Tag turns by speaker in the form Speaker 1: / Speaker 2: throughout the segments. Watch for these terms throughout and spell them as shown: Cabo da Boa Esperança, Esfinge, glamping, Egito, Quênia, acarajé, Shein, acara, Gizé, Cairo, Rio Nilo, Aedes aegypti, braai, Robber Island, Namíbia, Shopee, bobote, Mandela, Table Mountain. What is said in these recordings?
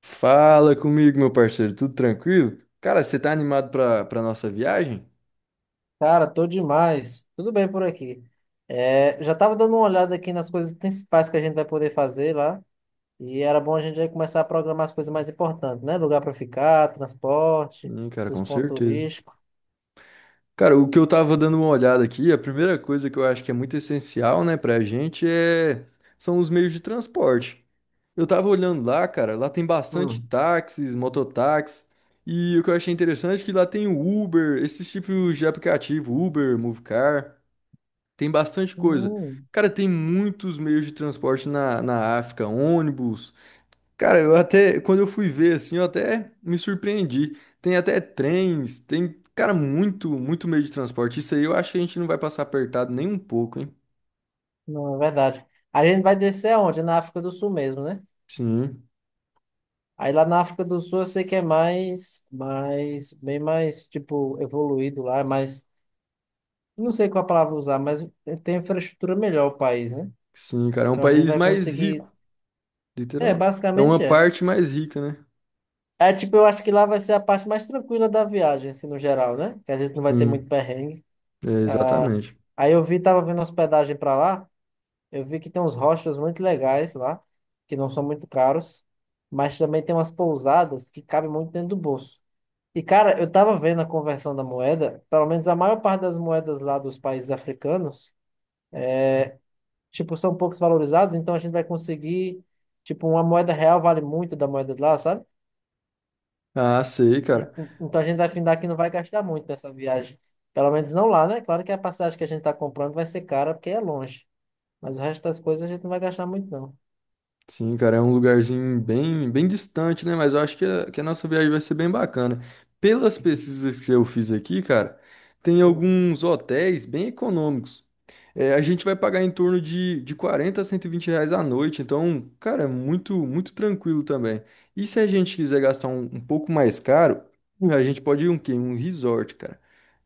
Speaker 1: Fala comigo, meu parceiro, tudo tranquilo? Cara, você tá animado pra nossa viagem?
Speaker 2: Cara, tô demais. Tudo bem por aqui. É, já tava dando uma olhada aqui nas coisas principais que a gente vai poder fazer lá. E era bom a gente já começar a programar as coisas mais importantes, né? Lugar para ficar, transporte,
Speaker 1: Sim, cara,
Speaker 2: os
Speaker 1: com
Speaker 2: pontos
Speaker 1: certeza.
Speaker 2: turísticos.
Speaker 1: Cara, o que eu tava dando uma olhada aqui, a primeira coisa que eu acho que é muito essencial, né, pra gente são os meios de transporte. Eu tava olhando lá, cara, lá tem bastante
Speaker 2: Hum.
Speaker 1: táxis, mototáxis, e o que eu achei interessante é que lá tem o Uber, esses tipos de aplicativo, Uber, Movecar, tem bastante coisa.
Speaker 2: Hum,
Speaker 1: Cara, tem muitos meios de transporte na África, ônibus. Cara, eu até, quando eu fui ver, assim, eu até me surpreendi. Tem até trens, tem, cara, muito, muito meio de transporte. Isso aí eu acho que a gente não vai passar apertado nem um pouco, hein?
Speaker 2: não, é verdade. A gente vai descer aonde? Na África do Sul mesmo, né?
Speaker 1: Sim,
Speaker 2: Aí lá na África do Sul eu sei que é mais, bem mais, tipo, evoluído lá, mas não sei qual a palavra usar, mas tem infraestrutura melhor o país, né?
Speaker 1: sim, cara, é um
Speaker 2: Então a gente
Speaker 1: país
Speaker 2: vai
Speaker 1: mais
Speaker 2: conseguir.
Speaker 1: rico,
Speaker 2: É,
Speaker 1: literal. É
Speaker 2: basicamente
Speaker 1: uma
Speaker 2: é.
Speaker 1: parte mais rica, né?
Speaker 2: É tipo, eu acho que lá vai ser a parte mais tranquila da viagem, assim, no geral, né? Que a gente não vai ter
Speaker 1: Sim,
Speaker 2: muito perrengue.
Speaker 1: é,
Speaker 2: Ah,
Speaker 1: exatamente.
Speaker 2: aí eu vi, tava vendo hospedagem pra lá, eu vi que tem uns hostels muito legais lá, que não são muito caros, mas também tem umas pousadas que cabem muito dentro do bolso. E, cara, eu tava vendo a conversão da moeda, pelo menos a maior parte das moedas lá dos países africanos, tipo, são poucos valorizados, então a gente vai conseguir, tipo, uma moeda real vale muito da moeda de lá, sabe?
Speaker 1: Ah, sei, cara.
Speaker 2: Então a gente vai findar que não vai gastar muito nessa viagem. Pelo menos não lá, né? Claro que a passagem que a gente está comprando vai ser cara porque é longe. Mas o resto das coisas a gente não vai gastar muito, não.
Speaker 1: Sim, cara, é um lugarzinho bem, bem distante, né? Mas eu acho que a nossa viagem vai ser bem bacana. Pelas pesquisas que eu fiz aqui, cara, tem
Speaker 2: Hum.
Speaker 1: alguns hotéis bem econômicos. É, a gente vai pagar em torno de 40 a 120 reais à noite, então, cara, é muito, muito tranquilo também. E se a gente quiser gastar um pouco mais caro, a gente pode ir um quê? Um resort, cara.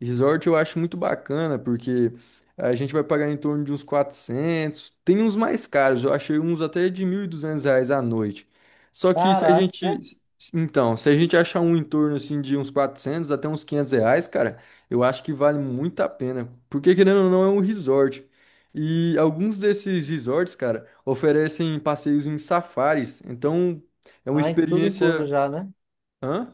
Speaker 1: Resort eu acho muito bacana, porque a gente vai pagar em torno de uns 400 tem uns mais caros, eu achei uns até de 1.200 reais à noite. Só que se a gente,
Speaker 2: Caraca!
Speaker 1: então, se a gente achar um em torno, assim, de uns 400 até uns 500 reais, cara... Eu acho que vale muito a pena, porque querendo ou não é um resort. E alguns desses resorts, cara, oferecem passeios em safaris. Então, é uma
Speaker 2: Ah, e tudo incluso
Speaker 1: experiência,
Speaker 2: já, né?
Speaker 1: hã?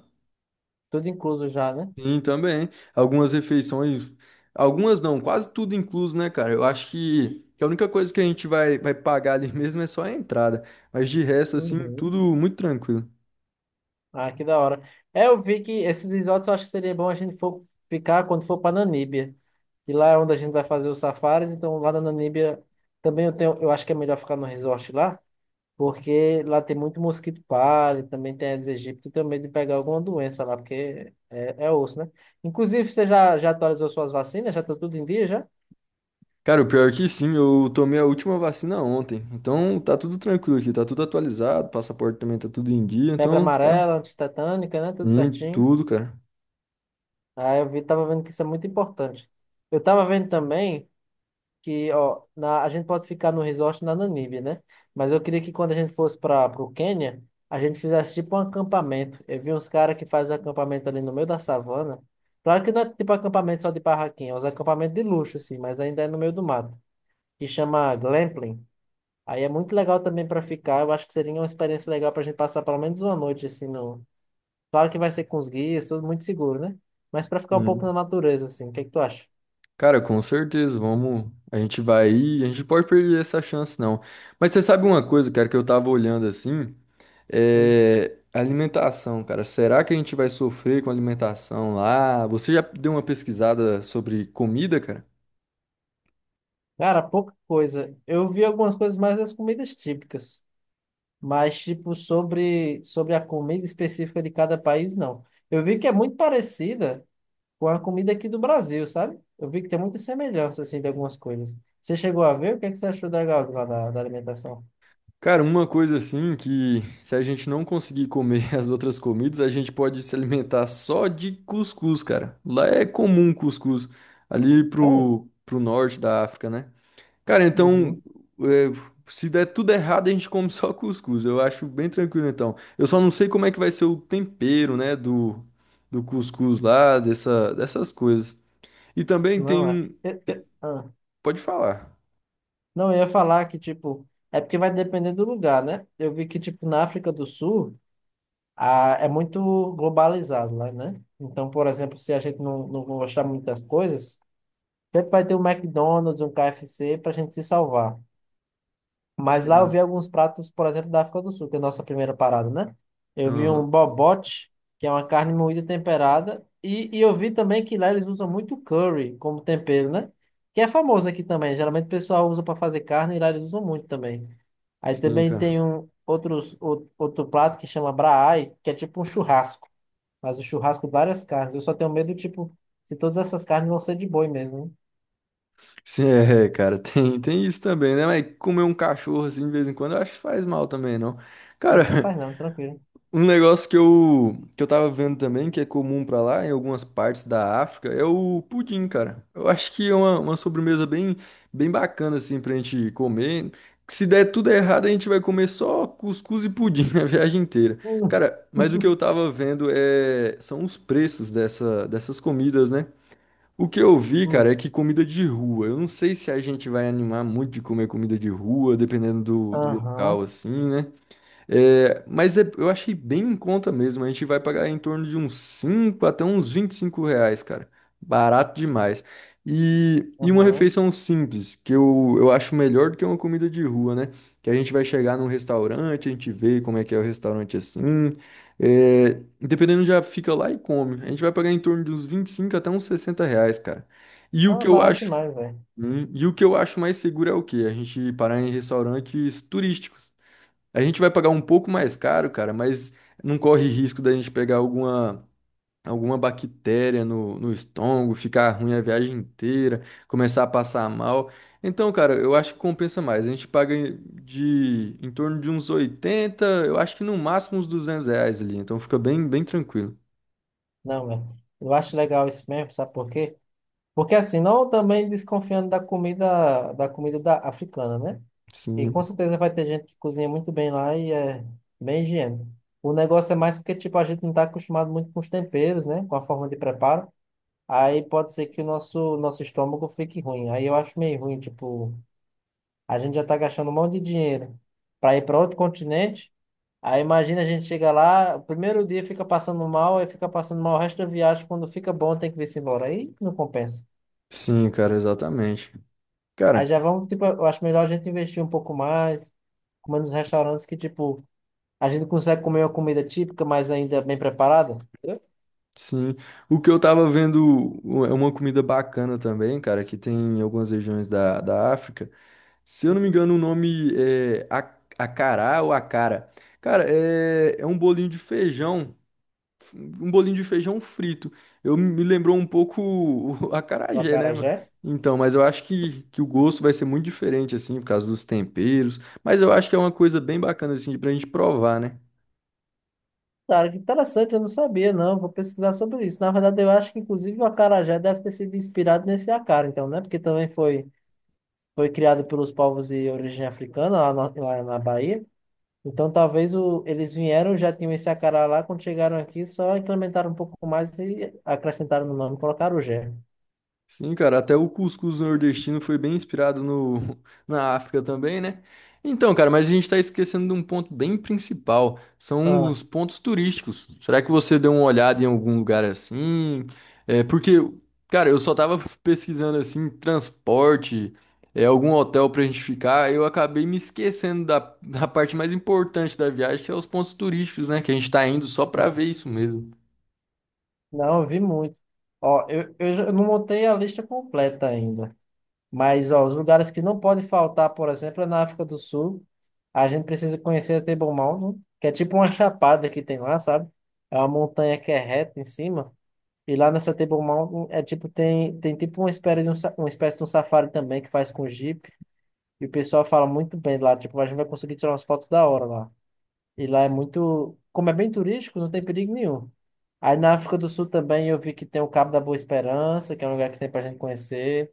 Speaker 2: Tudo incluso já, né?
Speaker 1: Sim, também. Algumas refeições, algumas não, quase tudo incluso, né, cara? Eu acho que a única coisa que a gente vai pagar ali mesmo é só a entrada, mas de resto assim,
Speaker 2: Uhum.
Speaker 1: tudo muito tranquilo.
Speaker 2: Ah, que da hora. É, eu vi que esses resorts eu acho que seria bom a gente for ficar quando for para Namíbia. E lá é onde a gente vai fazer os safaris, então lá na Namíbia também eu tenho, eu acho que é melhor ficar no resort lá. Porque lá tem muito mosquito palha, também tem Aedes aegypti, tenho medo de pegar alguma doença lá, porque é, é osso, né? Inclusive, você já atualizou suas vacinas? Já tá tudo em dia, já?
Speaker 1: Cara, o pior é que sim, eu tomei a última vacina ontem. Então tá tudo tranquilo aqui, tá tudo atualizado, passaporte também tá tudo em dia,
Speaker 2: Febre
Speaker 1: então tá
Speaker 2: amarela, antitetânica, né? Tudo
Speaker 1: em
Speaker 2: certinho.
Speaker 1: tudo, cara.
Speaker 2: Ah, eu vi, tava vendo que isso é muito importante. Eu tava vendo também que, ó, na, a gente pode ficar no resort na Namíbia, né? Mas eu queria que quando a gente fosse para o Quênia, a gente fizesse tipo um acampamento. Eu vi uns caras que fazem acampamento ali no meio da savana. Claro que não é tipo acampamento só de barraquinha, é uns acampamentos de luxo, assim, mas ainda é no meio do mato, que chama glamping. Aí é muito legal também para ficar. Eu acho que seria uma experiência legal para a gente passar pelo menos uma noite, assim, no... Claro que vai ser com os guias, tudo muito seguro, né? Mas para ficar um pouco
Speaker 1: Hum.
Speaker 2: na natureza, assim, o que é que tu acha?
Speaker 1: Cara, com certeza, vamos. A gente vai ir, a gente pode perder essa chance, não. Mas você sabe uma coisa, cara, que eu tava olhando assim, é alimentação, cara. Será que a gente vai sofrer com alimentação lá? Você já deu uma pesquisada sobre comida, cara?
Speaker 2: Cara, pouca coisa. Eu vi algumas coisas mais das comidas típicas, mas tipo sobre a comida específica de cada país, não. Eu vi que é muito parecida com a comida aqui do Brasil, sabe? Eu vi que tem muita semelhança assim de algumas coisas. Você chegou a ver? O que é que você achou da lá da, da alimentação?
Speaker 1: Cara, uma coisa assim que se a gente não conseguir comer as outras comidas, a gente pode se alimentar só de cuscuz, cara. Lá é comum cuscuz, ali
Speaker 2: Sério?
Speaker 1: pro norte da África, né? Cara, então,
Speaker 2: Uhum.
Speaker 1: é, se der tudo errado, a gente come só cuscuz. Eu acho bem tranquilo, então. Eu só não sei como é que vai ser o tempero, né, do cuscuz lá, dessas coisas. E também tem
Speaker 2: Não é.
Speaker 1: um...
Speaker 2: Ah.
Speaker 1: Pode falar.
Speaker 2: Não, eu ia falar que tipo é porque vai depender do lugar, né? Eu vi que tipo na África do Sul é muito globalizado lá, né? Então, por exemplo, se a gente não gostar muito das coisas, sempre vai ter um McDonald's, um KFC para a gente se salvar. Mas lá eu
Speaker 1: Sim.
Speaker 2: vi alguns pratos, por exemplo, da África do Sul, que é a nossa primeira parada, né? Eu vi um
Speaker 1: Aham.
Speaker 2: bobote, que é uma carne moída temperada, e eu vi também que lá eles usam muito curry como tempero, né? Que é famoso aqui também. Geralmente o pessoal usa para fazer carne e lá eles usam muito também. Aí
Speaker 1: Sim,
Speaker 2: também
Speaker 1: cara.
Speaker 2: tem um outros, outro prato que chama braai, que é tipo um churrasco. Mas o churrasco, várias carnes. Eu só tenho medo, tipo, se todas essas carnes vão ser de boi mesmo, hein?
Speaker 1: Sim, é, cara, tem isso também, né? Mas comer um cachorro assim de vez em quando eu acho que faz mal também, não.
Speaker 2: Não,
Speaker 1: Cara,
Speaker 2: rapaz, não, tranquilo.
Speaker 1: um negócio que eu tava vendo também, que é comum pra lá, em algumas partes da África, é o pudim, cara. Eu acho que é uma sobremesa bem, bem bacana, assim, pra gente comer. Se der tudo errado, a gente vai comer só cuscuz e pudim a viagem inteira.
Speaker 2: Hum,
Speaker 1: Cara, mas o que eu tava vendo são os preços dessas comidas, né? O que eu vi, cara, é
Speaker 2: hum.
Speaker 1: que comida de rua. Eu não sei se a gente vai animar muito de comer comida de rua, dependendo do local,
Speaker 2: Aham,
Speaker 1: assim, né? É, mas eu achei bem em conta mesmo. A gente vai pagar em torno de uns 5 até uns 25 reais, cara. Barato demais. E uma
Speaker 2: aham.
Speaker 1: refeição simples, que eu acho melhor do que uma comida de rua, né? Que a gente vai chegar num restaurante, a gente vê como é que é o restaurante assim. É, dependendo, já fica lá e come. A gente vai pagar em torno de uns 25 até uns 60 reais, cara. E o
Speaker 2: Ah,
Speaker 1: que eu
Speaker 2: barato
Speaker 1: acho,
Speaker 2: demais, velho.
Speaker 1: e o que eu acho mais seguro é o quê? A gente parar em restaurantes turísticos. A gente vai pagar um pouco mais caro, cara, mas não corre risco da gente pegar alguma bactéria no estômago, ficar ruim a viagem inteira, começar a passar mal. Então, cara, eu acho que compensa mais. A gente paga em- de em torno de uns 80, eu acho que no máximo uns 200 reais ali. Então fica bem, bem tranquilo.
Speaker 2: Não, velho. Eu acho legal isso mesmo, sabe por quê? Porque assim, não também desconfiando da comida, da comida da africana, né? E com
Speaker 1: Sim,
Speaker 2: certeza vai ter gente que cozinha muito bem lá e é bem higiênico. O negócio é mais porque, tipo, a gente não está acostumado muito com os temperos, né? Com a forma de preparo. Aí pode ser que o nosso estômago fique ruim. Aí eu acho meio ruim, tipo, a gente já tá gastando um monte de dinheiro para ir para outro continente. Aí imagina a gente chega lá, o primeiro dia fica passando mal, aí fica passando mal o resto da viagem. Quando fica bom, tem que vir-se embora. Aí não compensa.
Speaker 1: sim, cara, exatamente.
Speaker 2: Aí
Speaker 1: Cara,
Speaker 2: já vamos, tipo, eu acho melhor a gente investir um pouco mais, comer nos restaurantes que, tipo, a gente consegue comer uma comida típica, mas ainda bem preparada. Entendeu?
Speaker 1: sim. O que eu tava vendo é uma comida bacana também, cara, que tem em algumas regiões da África. Se eu não me engano, o nome é acará ou acara. Cara, é um bolinho de feijão, um bolinho de feijão frito. Eu me lembrou um pouco o
Speaker 2: O
Speaker 1: acarajé, né?
Speaker 2: acarajé.
Speaker 1: Então, mas eu acho que o gosto vai ser muito diferente, assim, por causa dos temperos. Mas eu acho que é uma coisa bem bacana, assim, pra gente provar, né?
Speaker 2: Cara, que interessante, eu não sabia, não. Vou pesquisar sobre isso. Na verdade, eu acho que, inclusive, o acarajé deve ter sido inspirado nesse acara, então, né? Porque também foi, foi criado pelos povos de origem africana, lá na Bahia. Então, talvez o, eles vieram, já tinham esse acará lá, quando chegaram aqui, só incrementaram um pouco mais e acrescentaram no nome, colocaram o gé.
Speaker 1: Sim, cara, até o cuscuz nordestino foi bem inspirado no, na África também, né? Então, cara, mas a gente tá esquecendo de um ponto bem principal, são
Speaker 2: Ah,
Speaker 1: os pontos turísticos. Será que você deu uma olhada em algum lugar assim? É, porque, cara, eu só tava pesquisando assim, transporte, é, algum hotel pra gente ficar, eu acabei me esquecendo da, da parte mais importante da viagem, que é os pontos turísticos, né? Que a gente tá indo só pra ver isso mesmo.
Speaker 2: não, eu vi muito. Ó, eu não montei a lista completa ainda. Mas, ó, os lugares que não pode faltar, por exemplo, é na África do Sul. A gente precisa conhecer a Table Mountain, que é tipo uma chapada que tem lá, sabe? É uma montanha que é reta em cima. E lá nessa Table Mountain é tipo, tem, tem tipo uma espécie de um, uma espécie de um safari também que faz com Jeep. E o pessoal fala muito bem lá, tipo, a gente vai conseguir tirar umas fotos da hora lá. E lá é muito, como é bem turístico, não tem perigo nenhum. Aí na África do Sul também eu vi que tem o Cabo da Boa Esperança, que é um lugar que tem pra gente conhecer.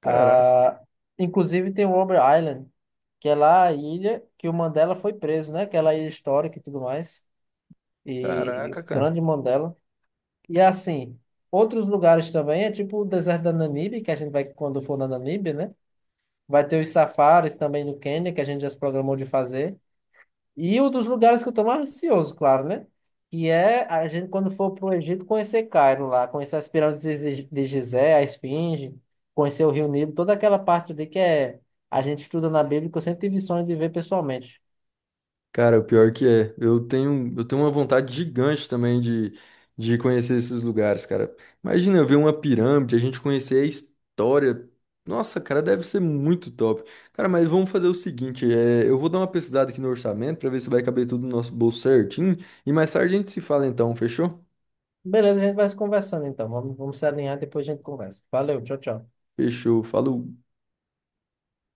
Speaker 1: Caraca,
Speaker 2: Ah, inclusive tem o Robber Island, que é lá a ilha que o Mandela foi preso, né? Aquela ilha histórica e tudo mais. E, e o
Speaker 1: caraca, cara.
Speaker 2: grande Mandela. E assim, outros lugares também, é tipo o deserto da Namíbia, que a gente vai quando for na Namíbia, né? Vai ter os safaris também no Quênia, que a gente já se programou de fazer. E um dos lugares que eu tô mais ansioso, claro, né? Que é a gente, quando for pro Egito, conhecer Cairo lá, conhecer as pirâmides de de Gizé, a Esfinge, conhecer o Rio Nilo, toda aquela parte ali que é, a gente estuda na Bíblia, que eu sempre tive sonho de ver pessoalmente.
Speaker 1: Cara, o pior que é, eu tenho uma vontade gigante também de conhecer esses lugares, cara. Imagina eu ver uma pirâmide, a gente conhecer a história. Nossa, cara, deve ser muito top. Cara, mas vamos fazer o seguinte, é, eu vou dar uma pesquisada aqui no orçamento pra ver se vai caber tudo no nosso bolso certinho e mais tarde a gente se fala então, fechou?
Speaker 2: Beleza, a gente vai se conversando então. Vamos, vamos se alinhar, depois a gente conversa. Valeu, tchau, tchau.
Speaker 1: Fechou, falou.